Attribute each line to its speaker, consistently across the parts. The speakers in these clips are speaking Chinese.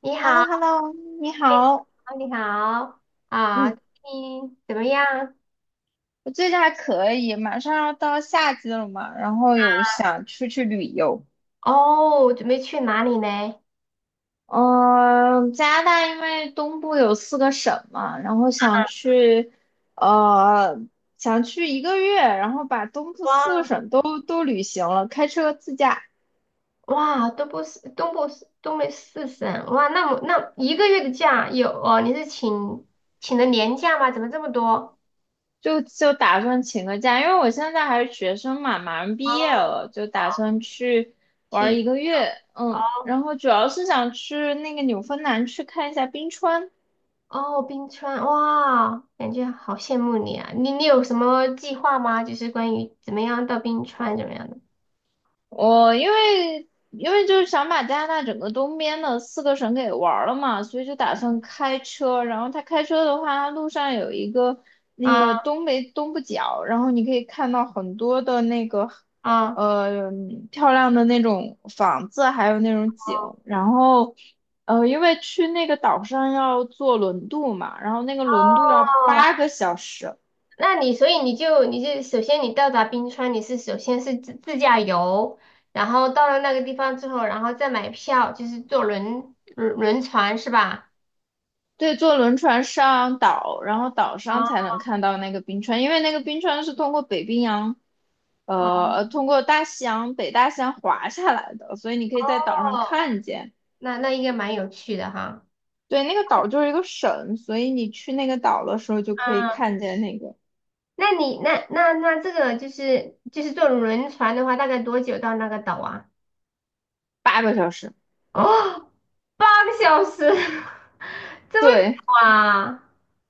Speaker 1: 你
Speaker 2: h e l l o
Speaker 1: 好，
Speaker 2: Hello 你好，
Speaker 1: 你好，你
Speaker 2: 嗯，
Speaker 1: 怎么样？
Speaker 2: 我最近还可以，马上要到夏季了嘛，然后有想出去旅游。
Speaker 1: 哦，准备去哪里呢？
Speaker 2: 嗯、加拿大因为东部有四个省嘛，然后呃，想去一个月，然后把东部
Speaker 1: 哇
Speaker 2: 四个省都旅行了，开车自驾。
Speaker 1: 哇，东部四东北四省，哇，那么那一个月的假有哦？你是请的年假吗？怎么这么多？
Speaker 2: 就打算请个假，因为我现在还是学生嘛，马上
Speaker 1: 哦
Speaker 2: 毕业了，就
Speaker 1: 哦，
Speaker 2: 打算去玩儿
Speaker 1: 去
Speaker 2: 一个月，
Speaker 1: 哦
Speaker 2: 嗯，然后主要是想去那个纽芬兰去看一下冰川，
Speaker 1: 哦，冰川，哇，感觉好羡慕你啊！你有什么计划吗？就是关于怎么样到冰川怎么样的？
Speaker 2: 我因为就是想把加拿大整个东边的四个省给玩儿了嘛，所以就打算开车。然后他开车的话，他路上有一个那个
Speaker 1: 啊
Speaker 2: 东北东部角，然后你可以看到很多的那个
Speaker 1: 啊，
Speaker 2: 呃漂亮的那种房子，还有那种景。然后因为去那个岛上要坐轮渡嘛，然后那个轮渡要
Speaker 1: 哦，
Speaker 2: 八个小时。
Speaker 1: 那所以你首先你到达冰川，你是首先是自驾游，然后到了那个地方之后，然后再买票，就是坐轮船是吧？
Speaker 2: 对，坐轮船上岛，然后岛上
Speaker 1: 啊
Speaker 2: 才能看到那个冰川，因为那个冰川是通过北冰洋，呃，通过大西洋、北大西洋滑下来的，所以你可以在岛上
Speaker 1: 哦，
Speaker 2: 看见。
Speaker 1: 那应该蛮有趣的哈。
Speaker 2: 对，那个岛就是一个省，所以你去那个岛的时候就可以
Speaker 1: 嗯，
Speaker 2: 看见那个
Speaker 1: 那你那那那这个就是坐轮船的话，大概多久到那个岛啊？
Speaker 2: 八个小时。
Speaker 1: 哦，八个小时，这么久
Speaker 2: 对
Speaker 1: 啊？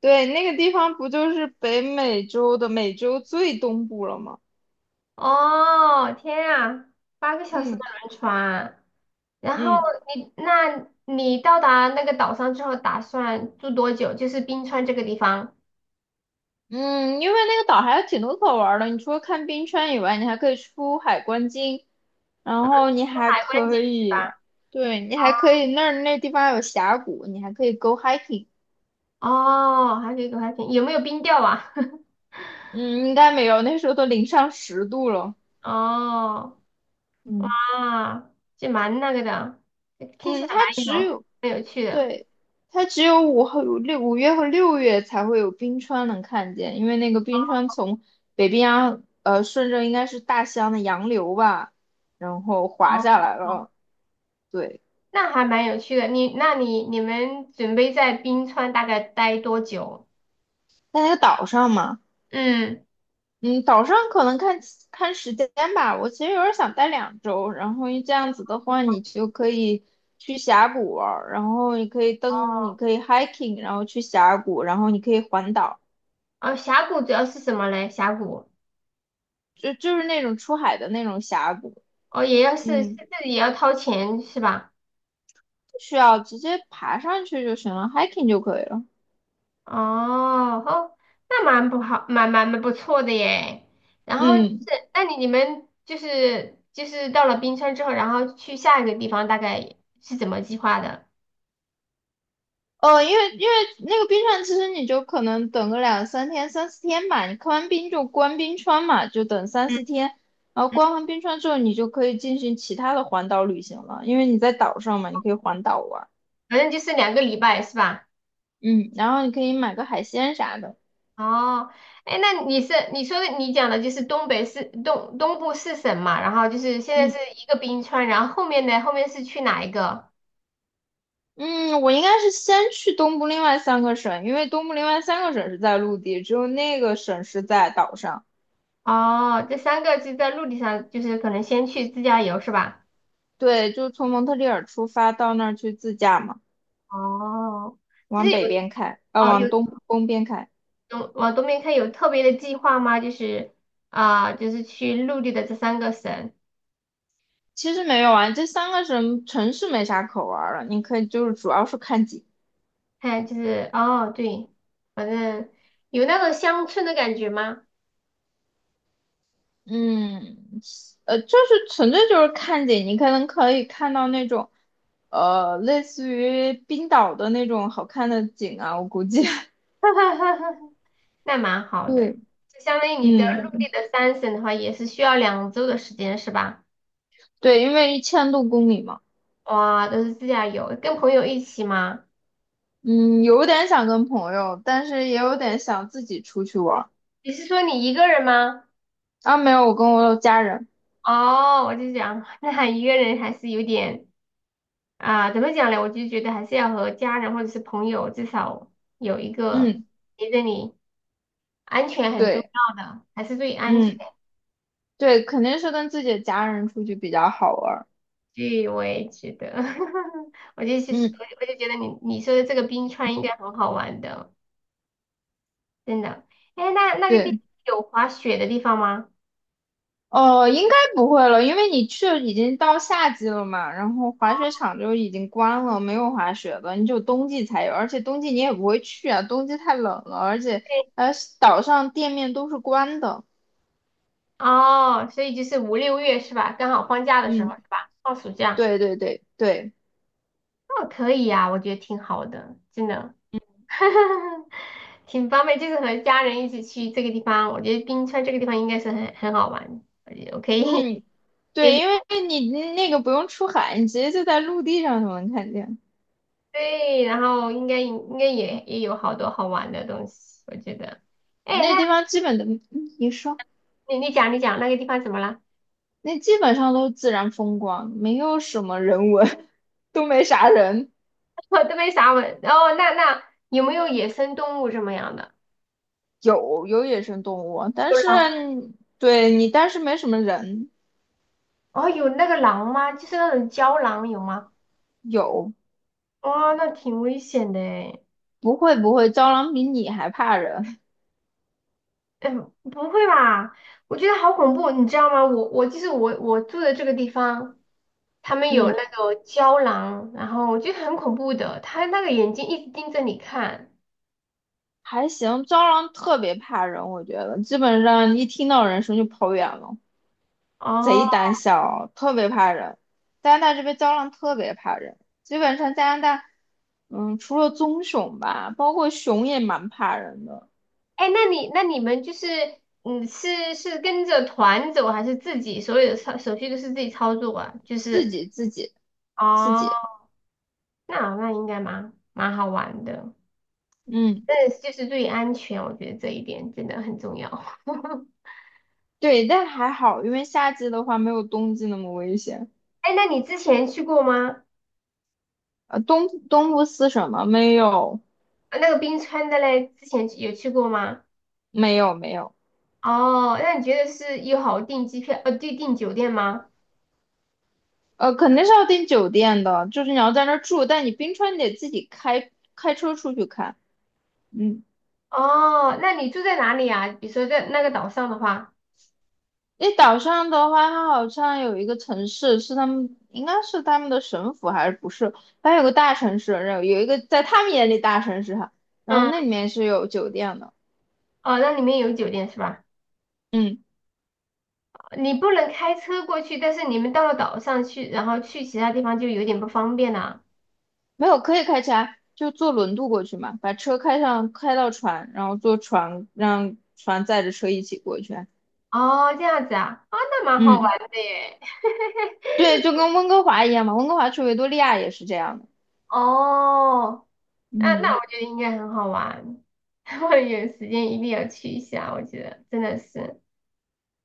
Speaker 2: 对，那个地方不就是北美洲的美洲最东部了吗？
Speaker 1: 哦，天啊，八个小时的
Speaker 2: 嗯
Speaker 1: 轮船，然后
Speaker 2: 嗯
Speaker 1: 你，那你到达那个岛上之后，打算住多久？就是冰川这个地方，
Speaker 2: 嗯，因为那个岛还有挺多可玩儿的，你除了看冰川以外，你还可以出海观鲸。然后你
Speaker 1: 住
Speaker 2: 还
Speaker 1: 海关
Speaker 2: 可
Speaker 1: 景
Speaker 2: 以，
Speaker 1: 吧。
Speaker 2: 对，你还可以那儿那地方有峡谷，你还可以 go hiking。
Speaker 1: 哦，还可以有没有冰钓啊？
Speaker 2: 嗯，应该没有，那时候都零上10度了。
Speaker 1: 哦，
Speaker 2: 嗯
Speaker 1: 啊，这蛮那个的，听起
Speaker 2: 嗯，
Speaker 1: 来
Speaker 2: 它只有，
Speaker 1: 蛮有趣的。
Speaker 2: 对，它只有5月和6月才会有冰川能看见，因为那个冰川从北冰洋，顺着应该是大西洋的洋流吧，然后滑下
Speaker 1: 哦，
Speaker 2: 来了。对，
Speaker 1: 那还蛮有趣的。你，那你们准备在冰川大概待多久？
Speaker 2: 在那个岛上嘛。
Speaker 1: 嗯，
Speaker 2: 嗯，岛上可能看看时间吧。我其实有点想待2周，然后这样子的话，你就可以去峡谷玩儿然后你可以登，你可以 hiking，然后去峡谷，然后你可以环岛，
Speaker 1: 哦，峡谷主要是什么嘞？峡谷。
Speaker 2: 就是那种出海的那种峡谷，
Speaker 1: 哦，也要是是自
Speaker 2: 嗯，
Speaker 1: 己也要掏钱是吧？
Speaker 2: 不需要直接爬上去就行了，hiking 就可以了。
Speaker 1: 哦哦，那蛮不好，蛮不错的耶。然后就
Speaker 2: 嗯。
Speaker 1: 是，那你们就是到了冰川之后，然后去下一个地方，大概是怎么计划的？
Speaker 2: 因为那个冰川，其实你就可能等个两三天、三四天吧。你看完冰就关冰川嘛，就等三
Speaker 1: 嗯
Speaker 2: 四天。然后
Speaker 1: 嗯，
Speaker 2: 关完冰川之后，你就可以进行其他的环岛旅行了，因为你在岛上嘛，你可以环岛玩儿
Speaker 1: 反正就是两个礼拜是吧？
Speaker 2: 嗯，然后你可以买个海鲜啥的。
Speaker 1: 哦，哎，那你是你说的你讲的就是东北四东东部四省嘛，然后就是现在是
Speaker 2: 嗯
Speaker 1: 一个冰川，然后后面呢，后面是去哪一个？
Speaker 2: 嗯，我应该是先去东部另外三个省，因为东部另外三个省是在陆地，只有那个省是在岛上。
Speaker 1: 哦，这三个是在陆地上，就是可能先去自驾游是吧？
Speaker 2: 对，就从蒙特利尔出发到那儿去自驾嘛，
Speaker 1: 哦，其
Speaker 2: 往
Speaker 1: 实
Speaker 2: 北
Speaker 1: 有
Speaker 2: 边开，啊、
Speaker 1: 哦有
Speaker 2: 往东边开。
Speaker 1: 东往东边看有特别的计划吗？就是啊、就是去陆地的这三个省，
Speaker 2: 其实没有啊，这三个城市没啥可玩儿的，你可以就是主要是看景，
Speaker 1: 看就是哦对，反正有那种乡村的感觉吗？
Speaker 2: 嗯，就是纯粹就是看景，你可能可以看到那种，类似于冰岛的那种好看的景啊，我估计，
Speaker 1: 那蛮 好的，
Speaker 2: 对，
Speaker 1: 就相当于你的陆
Speaker 2: 嗯，
Speaker 1: 地的三省的话，也是需要两周的时间是吧？
Speaker 2: 对，因为1000多公里嘛，
Speaker 1: 哇，都是自驾游，跟朋友一起吗？
Speaker 2: 嗯，有点想跟朋友，但是也有点想自己出去玩儿，
Speaker 1: 你是说你一个人吗？
Speaker 2: 啊，没有，我跟我家人，
Speaker 1: 哦，我就想，那一个人还是有点啊、怎么讲呢？我就觉得还是要和家人或者是朋友，至少有一个
Speaker 2: 嗯，
Speaker 1: 陪着你，安全很重
Speaker 2: 对，
Speaker 1: 要的，还是最安全。
Speaker 2: 嗯，对，肯定是跟自己的家人出去比较好玩儿，
Speaker 1: 对，我也觉得，我就是
Speaker 2: 嗯，
Speaker 1: 我就我就觉得你说的这个冰川应该很好玩的，真的。哎，那那个地
Speaker 2: 对。
Speaker 1: 方有滑雪的地方吗？
Speaker 2: 哦，应该不会了，因为你去已经到夏季了嘛，然后滑雪场就已经关了，没有滑雪的，你只有冬季才有，而且冬季你也不会去啊，冬季太冷了，而且
Speaker 1: 对，
Speaker 2: 呃岛上店面都是关的。
Speaker 1: 哦，所以就是五六月是吧？刚好放假的时候
Speaker 2: 嗯，
Speaker 1: 是吧？放暑假，
Speaker 2: 对对对对，
Speaker 1: 哦，可以呀、我觉得挺好的，真的。挺方便，就是和家人一起去这个地方，我觉得冰川这个地方应该是很好玩，我觉得我可以
Speaker 2: 嗯，
Speaker 1: 可
Speaker 2: 对，
Speaker 1: 以
Speaker 2: 因为你那个不用出海，你直接就在陆地上就能看见，
Speaker 1: 对，然后应该也有好多好玩的东西，我觉得。哎，那
Speaker 2: 那地方基本的，嗯你说
Speaker 1: 你讲那个地方怎么了？
Speaker 2: 那基本上都是自然风光，没有什么人文，都没啥人。
Speaker 1: 我都没啥问。哦，那有没有野生动物什么样的？
Speaker 2: 有有野生动物，但
Speaker 1: 有
Speaker 2: 是
Speaker 1: 狼？
Speaker 2: 对你，但是没什么人。
Speaker 1: 哦，有那个狼吗？就是那种郊狼有吗？
Speaker 2: 有，
Speaker 1: 哇、那挺危险的诶
Speaker 2: 不会不会，蟑螂比你还怕人。
Speaker 1: 嗯，不会吧？我觉得好恐怖，你知道吗？我我就是我我住的这个地方，他 们有
Speaker 2: 嗯，
Speaker 1: 那个胶囊，然后我觉得很恐怖的，他那个眼睛一直盯着你看。
Speaker 2: 还行，蟑螂特别怕人，我觉得基本上一听到人声就跑远了，贼
Speaker 1: 哦，
Speaker 2: 胆小，特别怕人。加拿大这边蟑螂特别怕人，基本上加拿大，嗯，除了棕熊吧，包括熊也蛮怕人的，
Speaker 1: 哎，那你们就是，嗯，是是跟着团走还是自己所有的操手续都是自己操作啊？就
Speaker 2: 自
Speaker 1: 是，
Speaker 2: 己自己自
Speaker 1: 哦，
Speaker 2: 己，
Speaker 1: 那应该蛮好玩的，
Speaker 2: 嗯，
Speaker 1: 但是就是注意安全，我觉得这一点真的很重要。
Speaker 2: 对，但还好，因为夏季的话没有冬季那么危险。
Speaker 1: 哎，那你之前去过吗？
Speaker 2: 东部斯什么？没有，
Speaker 1: 啊那个冰川的嘞，之前有去过吗？
Speaker 2: 没有，没有。
Speaker 1: 哦，那你觉得是友好订机票，订酒店吗？
Speaker 2: 肯定是要订酒店的，就是你要在那儿住，但你冰川你得自己开车出去看。嗯，
Speaker 1: 哦，那你住在哪里啊？比如说在那个岛上的话，
Speaker 2: 那岛上的话，它好像有一个城市是他们，应该是他们的省府还是不是？它有个大城市，然后有一个在他们眼里大城市哈，然后
Speaker 1: 嗯，
Speaker 2: 那里面是有酒店的。
Speaker 1: 哦，那里面有酒店是吧？
Speaker 2: 嗯，
Speaker 1: 你不能开车过去，但是你们到了岛上去，然后去其他地方就有点不方便了。
Speaker 2: 没有，可以开车啊，就坐轮渡过去嘛，把车开上，开到船，然后坐船让船载着车一起过去啊
Speaker 1: 哦，这样子啊，啊，那蛮好
Speaker 2: 嗯。
Speaker 1: 玩的耶。
Speaker 2: 对，就跟温哥华一样嘛，温哥华去维多利亚也是这样的。
Speaker 1: 哦，那
Speaker 2: 嗯，
Speaker 1: 我觉得应该很好玩，我有时间一定要去一下，我觉得真的是。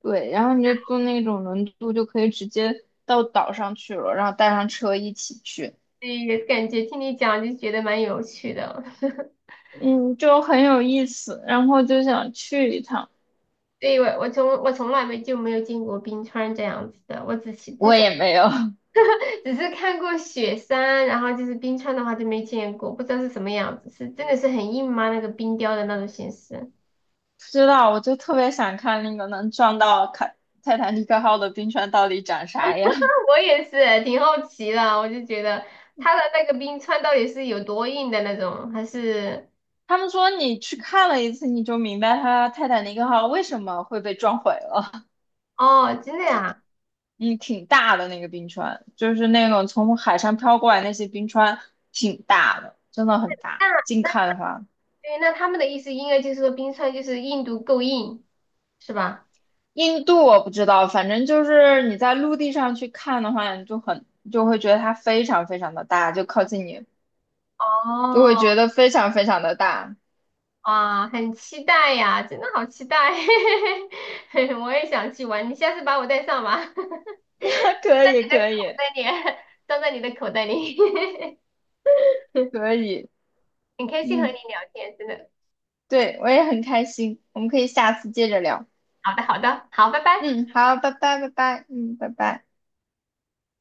Speaker 2: 对，然后你就坐那种轮渡，就可以直接到岛上去了，然后带上车一起去，
Speaker 1: 对，也感觉听你讲就觉得蛮有趣的。
Speaker 2: 嗯，就很有意思。然后就想去一趟，
Speaker 1: 对，我从来没就没有见过冰川这样子的，我只是之
Speaker 2: 我
Speaker 1: 前
Speaker 2: 也没有 不
Speaker 1: 只是看过雪山，然后就是冰川的话就没见过，不知道是什么样子，是真的是很硬吗？那个冰雕的那种形式，
Speaker 2: 知道，我就特别想看那个能撞到泰坦尼克号的冰川到底长啥样。
Speaker 1: 我也是挺好奇的，我就觉得它的那个冰川到底是有多硬的那种，还是
Speaker 2: 他们说你去看了一次，你就明白它泰坦尼克号为什么会被撞毁了。
Speaker 1: 哦，真的呀？
Speaker 2: 嗯，挺大的那个冰川，就是那种从海上飘过来那些冰川，挺大的，真的很大。
Speaker 1: 那
Speaker 2: 近看的话，
Speaker 1: 对，那他们的意思应该就是说冰川就是硬度够硬，是吧？
Speaker 2: 印度我不知道，反正就是你在陆地上去看的话，你就很就会觉得它非常非常的大，就靠近你
Speaker 1: 哦，
Speaker 2: 就会觉得非常非常的大。
Speaker 1: 哇，很期待呀，真的好期待，我也想去玩，你下次把我带上吧，我
Speaker 2: 可以，可以，
Speaker 1: 带你，装在你的口袋里，
Speaker 2: 可以，
Speaker 1: 很开心和你
Speaker 2: 嗯，
Speaker 1: 聊天，真的。
Speaker 2: 对，我也很开心，我们可以下次接着聊。
Speaker 1: 好的，好的，好，拜拜。
Speaker 2: 嗯，好，拜拜，拜拜，嗯，拜拜。